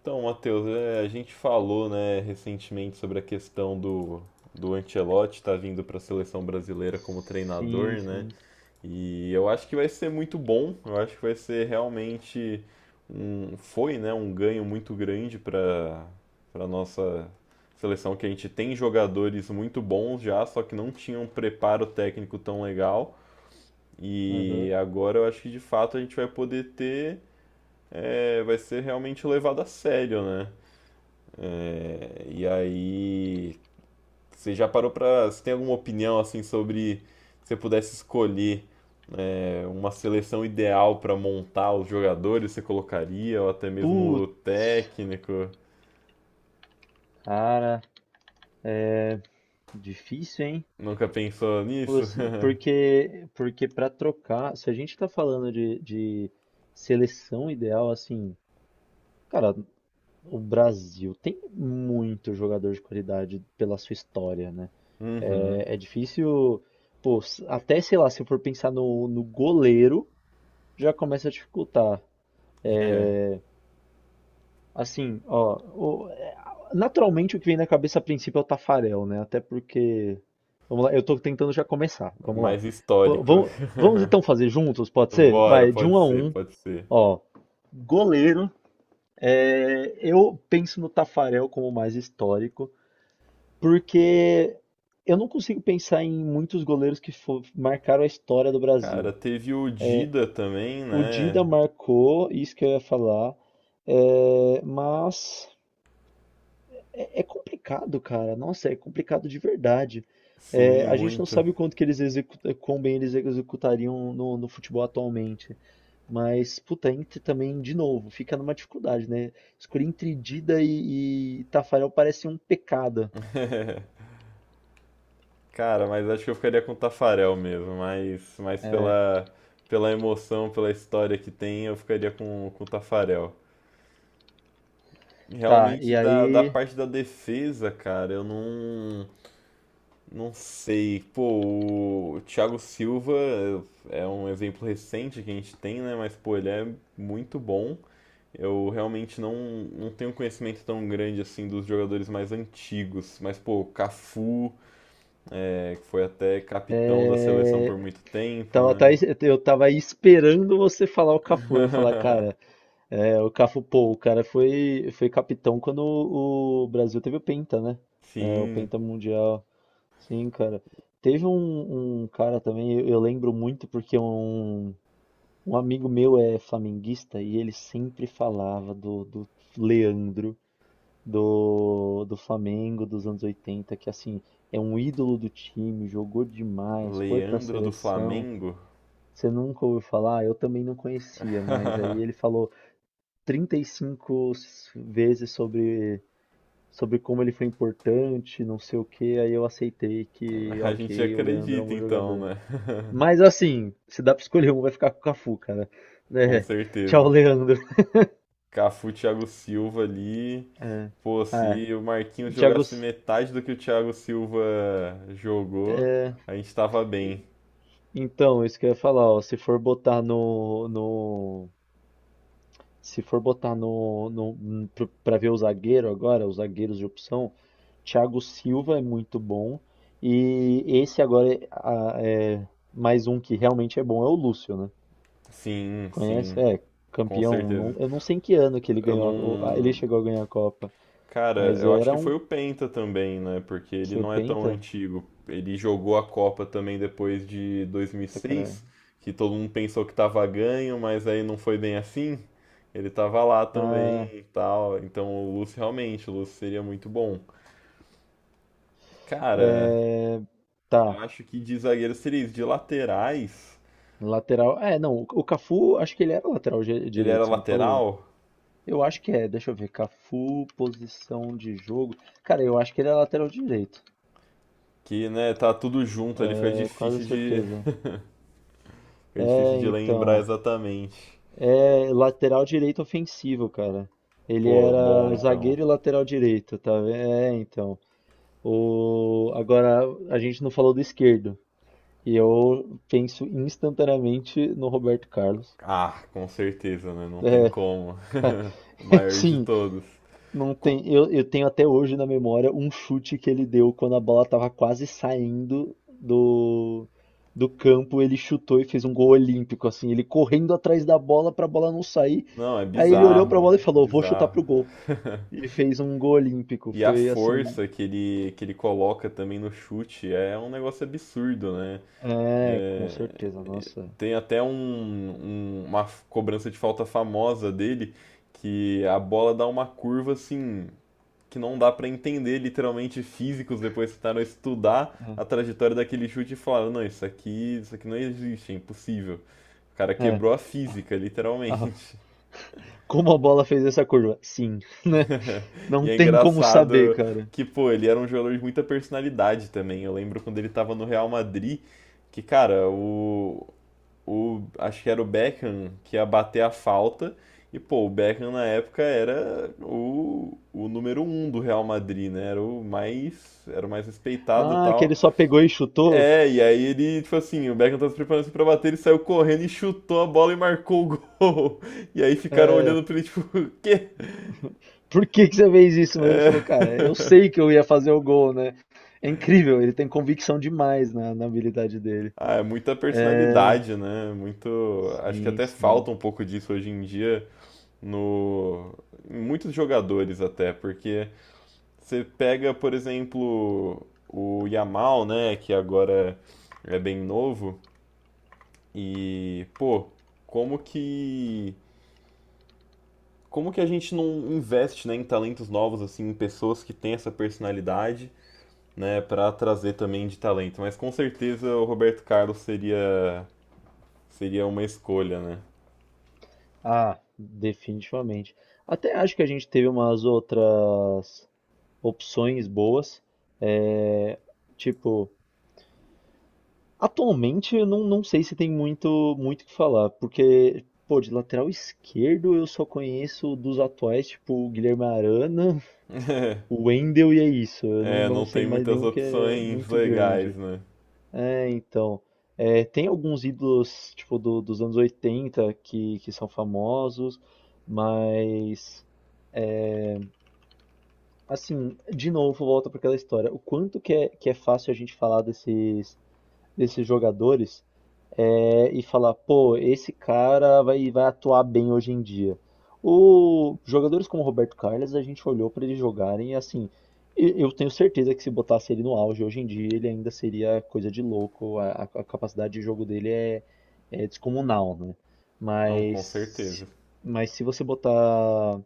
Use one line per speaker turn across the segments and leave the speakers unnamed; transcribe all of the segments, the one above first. Então, Matheus, a gente falou, né, recentemente sobre a questão do Ancelotti estar vindo para a seleção brasileira como
Sim,
treinador, né?
sim.
E eu acho que vai ser muito bom, eu acho que vai ser realmente um ganho muito grande para nossa seleção que a gente tem jogadores muito bons já, só que não tinha um preparo técnico tão legal. E
Aham.
agora eu acho que de fato a gente vai poder ter vai ser realmente levado a sério, né? E aí, você já parou pra. Você tem alguma opinião assim sobre se você pudesse escolher uma seleção ideal pra montar os jogadores, você colocaria, ou até mesmo o
Putz,
técnico?
cara, é difícil, hein?
Nunca pensou nisso?
Porque para trocar, se a gente tá falando de seleção ideal, assim, cara, o Brasil tem muito jogador de qualidade pela sua história, né?
Uhum.
É, é difícil, pô, até sei lá, se eu for pensar no goleiro, já começa a dificultar.
É
É, Assim, ó, naturalmente o que vem na cabeça a princípio é o Tafarel, né? Até porque, vamos lá, eu tô tentando já começar,
o
vamos lá.
mais
Pô,
histórico.
vamos então fazer juntos, pode ser?
Bora,
Vai, de
pode
um a
ser,
um,
pode ser.
ó, goleiro, eu penso no Tafarel como o mais histórico, porque eu não consigo pensar em muitos goleiros que marcaram a história do Brasil.
Cara, teve o Dida também,
O Dida
né?
marcou, isso que eu ia falar, é, mas... É, é complicado, cara. Nossa, é complicado de verdade. É,
Sim,
a gente não
muito.
sabe o quanto que eles executam, quão bem eles executariam no, futebol atualmente. Mas, puta, Inter também, de novo, fica numa dificuldade, né? Escolher entre Dida e Tafarel parece um pecado.
Cara, mas acho que eu ficaria com o Tafarel mesmo, mas, pela, pela emoção, pela história que tem, eu ficaria com o Tafarel.
Tá, e
Realmente, da
aí.
parte da defesa, cara, eu não, não sei. Pô, o Thiago Silva é um exemplo recente que a gente tem, né? Mas, pô, ele é muito bom. Eu realmente não tenho conhecimento tão grande assim dos jogadores mais antigos. Mas, pô, Cafu. É, que foi até capitão da seleção por
é,
muito tempo,
tava, tá-
né?
eu tava aí esperando você falar o Cafu. Eu ia falar, cara, o Cafu, pô, o cara foi capitão quando o Brasil teve o Penta, né? É, o
Sim,
Penta Mundial. Sim, cara. Teve um cara também, eu lembro muito porque um amigo meu é flamenguista e ele sempre falava do Leandro, do Flamengo dos anos 80 que assim, é um ídolo do time, jogou demais, foi pra
Leandro do
seleção.
Flamengo?
Você nunca ouviu falar? Eu também não conhecia, mas aí ele falou 35 vezes sobre como ele foi importante, não sei o que aí eu aceitei que,
A gente
ok, o Leandro é um
acredita
bom
então,
jogador.
né?
Mas assim, se dá pra escolher um, vai ficar com o Cafu, cara.
Com
É. Tchau,
certeza.
Leandro.
Cafu, Thiago Silva ali.
É.
Pô,
É.
se o Marquinhos
Thiago,
jogasse
S-
metade do que o Thiago Silva jogou, a gente tava bem.
então, isso que eu ia falar, ó, se for botar no, pra ver o zagueiro agora, os zagueiros de opção, Thiago Silva é muito bom e esse agora é mais um que realmente é bom é o Lúcio, né?
Sim,
Conhece?
sim,
É
com
campeão.
certeza.
Eu não sei em que ano que ele
Eu
ganhou,
não,
ele chegou a ganhar a Copa,
Cara,
mas
eu acho
era
que foi
um
o Penta também, né? Porque ele
foi o
não é tão
Penta?
antigo. Ele jogou a Copa também depois de
Puta, cara.
2006, que todo mundo pensou que tava ganho, mas aí não foi bem assim. Ele tava lá também
Ah,
e tal. Então o Lúcio realmente, o Lúcio seria muito bom. Cara,
é...
eu
Tá.
acho que de zagueiro seria isso. De laterais,
Lateral. É, não. O Cafu, acho que ele era lateral
ele era
direito, você não falou?
lateral,
Eu acho que é. Deixa eu ver. Cafu, posição de jogo. Cara, eu acho que ele é lateral direito.
que, né, tá tudo junto ali,
É, quase certeza.
fica difícil
É,
de lembrar
então.
exatamente.
É lateral direito ofensivo, cara. Ele
Pô, bom
era
então.
zagueiro e lateral direito, tá vendo? É, então. Agora, a gente não falou do esquerdo. E eu penso instantaneamente no Roberto Carlos.
Ah, com certeza, né? Não tem
É,
como. O maior de
sim,
todos.
não
Cu-
tem. Eu tenho até hoje na memória um chute que ele deu quando a bola estava quase saindo do campo. Ele chutou e fez um gol olímpico, assim, ele correndo atrás da bola para a bola não sair.
Não, é
Aí ele olhou para a
bizarro,
bola e
é
falou: Vou chutar
bizarro.
pro gol. E fez um gol olímpico.
E a
Foi assim.
força que ele coloca também no chute é um negócio absurdo, né?
É, com
É,
certeza, nossa.
tem até um, um- uma cobrança de falta famosa dele, que a bola dá uma curva assim, que não dá para entender literalmente. Físicos depois que tentaram estudar
É,
a trajetória daquele chute e falaram, não, isso aqui não existe, é impossível. O cara
é.
quebrou a física,
Ah,
literalmente.
como a bola fez essa curva? Sim, não
E é
tem como saber,
engraçado
cara.
que, pô, ele era um jogador de muita personalidade também. Eu lembro quando ele tava no Real Madrid, que, cara, acho que era o Beckham que ia bater a falta. E, pô, o Beckham na época era o número um do Real Madrid, né? Era o mais respeitado e
Ah, que ele
tal.
só pegou e chutou?
É, e aí ele, tipo assim, o Beckham tava se preparando assim pra bater, ele saiu correndo e chutou a bola e marcou o gol. E aí ficaram
É,
olhando pra ele, tipo, o quê?
por que que você fez isso? Mas ele
É...
falou, cara, eu sei que eu ia fazer o gol, né? É incrível, ele tem convicção demais na, habilidade dele.
Ah, é muita
É,
personalidade, né? Muito. Acho que
sim,
até
sim.
falta um pouco disso hoje em dia. No em muitos jogadores até, porque você pega, por exemplo, o Yamal, né, que agora é bem novo e, pô, como que como que a gente não investe, né, em talentos novos assim, em pessoas que têm essa personalidade, né, para trazer também de talento. Mas com certeza o Roberto Carlos seria seria uma escolha, né?
Ah, definitivamente. Até acho que a gente teve umas outras opções boas. É, tipo. Atualmente, eu não sei se tem muito muito o que falar, porque, pô, de lateral esquerdo eu só conheço dos atuais, tipo, o Guilherme Arana, o Wendel e é isso. Eu não,
É,
não
não
sei
tem
mais
muitas
nenhum que é
opções
muito
legais,
grande.
né?
É, então. Tem alguns ídolos, tipo, dos anos 80 que são famosos, mas. Assim, de novo, volta para aquela história. O quanto que é fácil a gente falar desses, desses jogadores e falar, pô, esse cara vai atuar bem hoje em dia. Jogadores como o Roberto Carlos, a gente olhou para eles jogarem e assim, eu tenho certeza que se botasse ele no auge hoje em dia, ele ainda seria coisa de louco, a capacidade de jogo dele é descomunal, né?
Não, com
Mas,
certeza.
mas se você botar.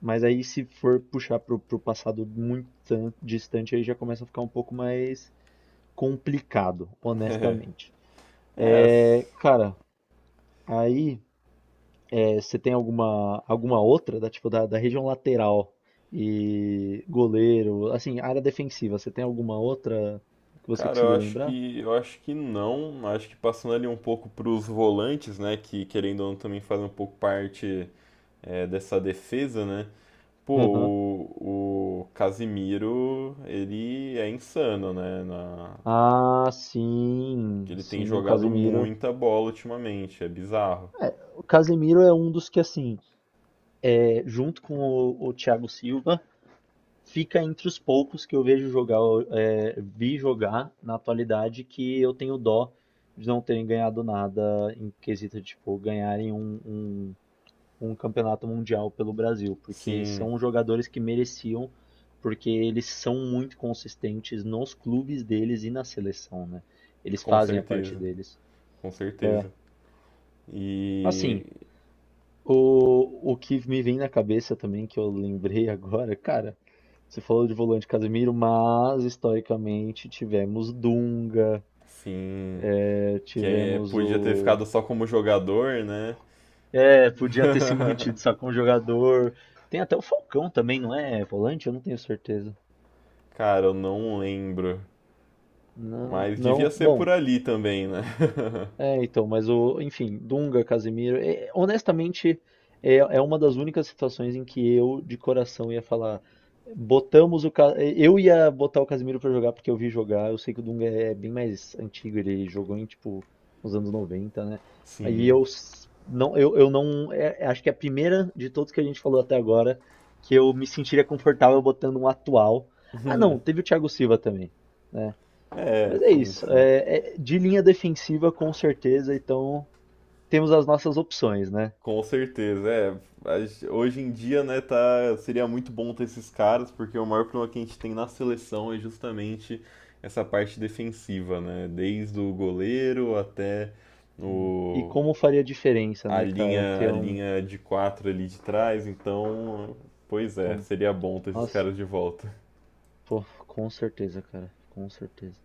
Mas aí se for puxar pro, passado muito distante, aí já começa a ficar um pouco mais complicado, honestamente.
É,
É, cara, aí, você tem alguma outra da, tipo, da região lateral e goleiro, assim, área defensiva, você tem alguma outra que você
Cara,
conseguiu lembrar?
eu acho que não. Acho que passando ali um pouco para os volantes, né, que querendo ou não também fazem um pouco parte dessa defesa, né? Pô,
Aham.
o Casimiro, ele é insano, né? Na,
Ah, sim,
ele tem
sim, o
jogado
Casemiro.
muita bola ultimamente, é bizarro.
É, o Casemiro é um dos que, assim, junto com o Thiago Silva, fica entre os poucos que eu vejo jogar, vi jogar na atualidade, que eu tenho dó de não terem ganhado nada em quesito de, tipo, ganharem um, um campeonato mundial pelo Brasil, porque
Sim,
são jogadores que mereciam, porque eles são muito consistentes nos clubes deles e na seleção, né? Eles
com
fazem a parte
certeza,
deles.
com certeza. E
Assim, o que me vem na cabeça também, que eu lembrei agora, cara, você falou de volante Casemiro, mas historicamente tivemos Dunga,
sim,
é,
que
tivemos
podia ter
o.
ficado só como jogador, né?
É, podia ter se mantido só com o jogador. Tem até o Falcão também, não é volante? Eu não tenho certeza.
Cara, eu não lembro.
Não,
Mas devia
não.
ser por
Bom,
ali também, né?
é, então, enfim, Dunga, Casemiro, honestamente, é uma das únicas situações em que eu, de coração, ia falar. Eu ia botar o Casemiro pra jogar porque eu vi jogar, eu sei que o Dunga é bem mais antigo, ele jogou nos anos 90, né? E
Sim.
eu não, eu não, é- é- acho que é a primeira de todos que a gente falou até agora que eu me sentiria confortável botando um atual. Ah, não, teve o Thiago Silva também, né?
É,
Mas é
sim,
isso.
sim.
De linha defensiva, com certeza. Então, temos as nossas opções, né?
Com certeza. É, hoje em dia, né, tá, seria muito bom ter esses caras, porque o maior problema que a gente tem na seleção é justamente essa parte defensiva, né? Desde o goleiro até
Hum. E
o,
como faria diferença, né, cara?
a
Ter um.
linha de quatro ali de trás. Então, pois é,
Pô,
seria bom ter esses
nossa,
caras de volta.
pô, com certeza, cara. Com certeza.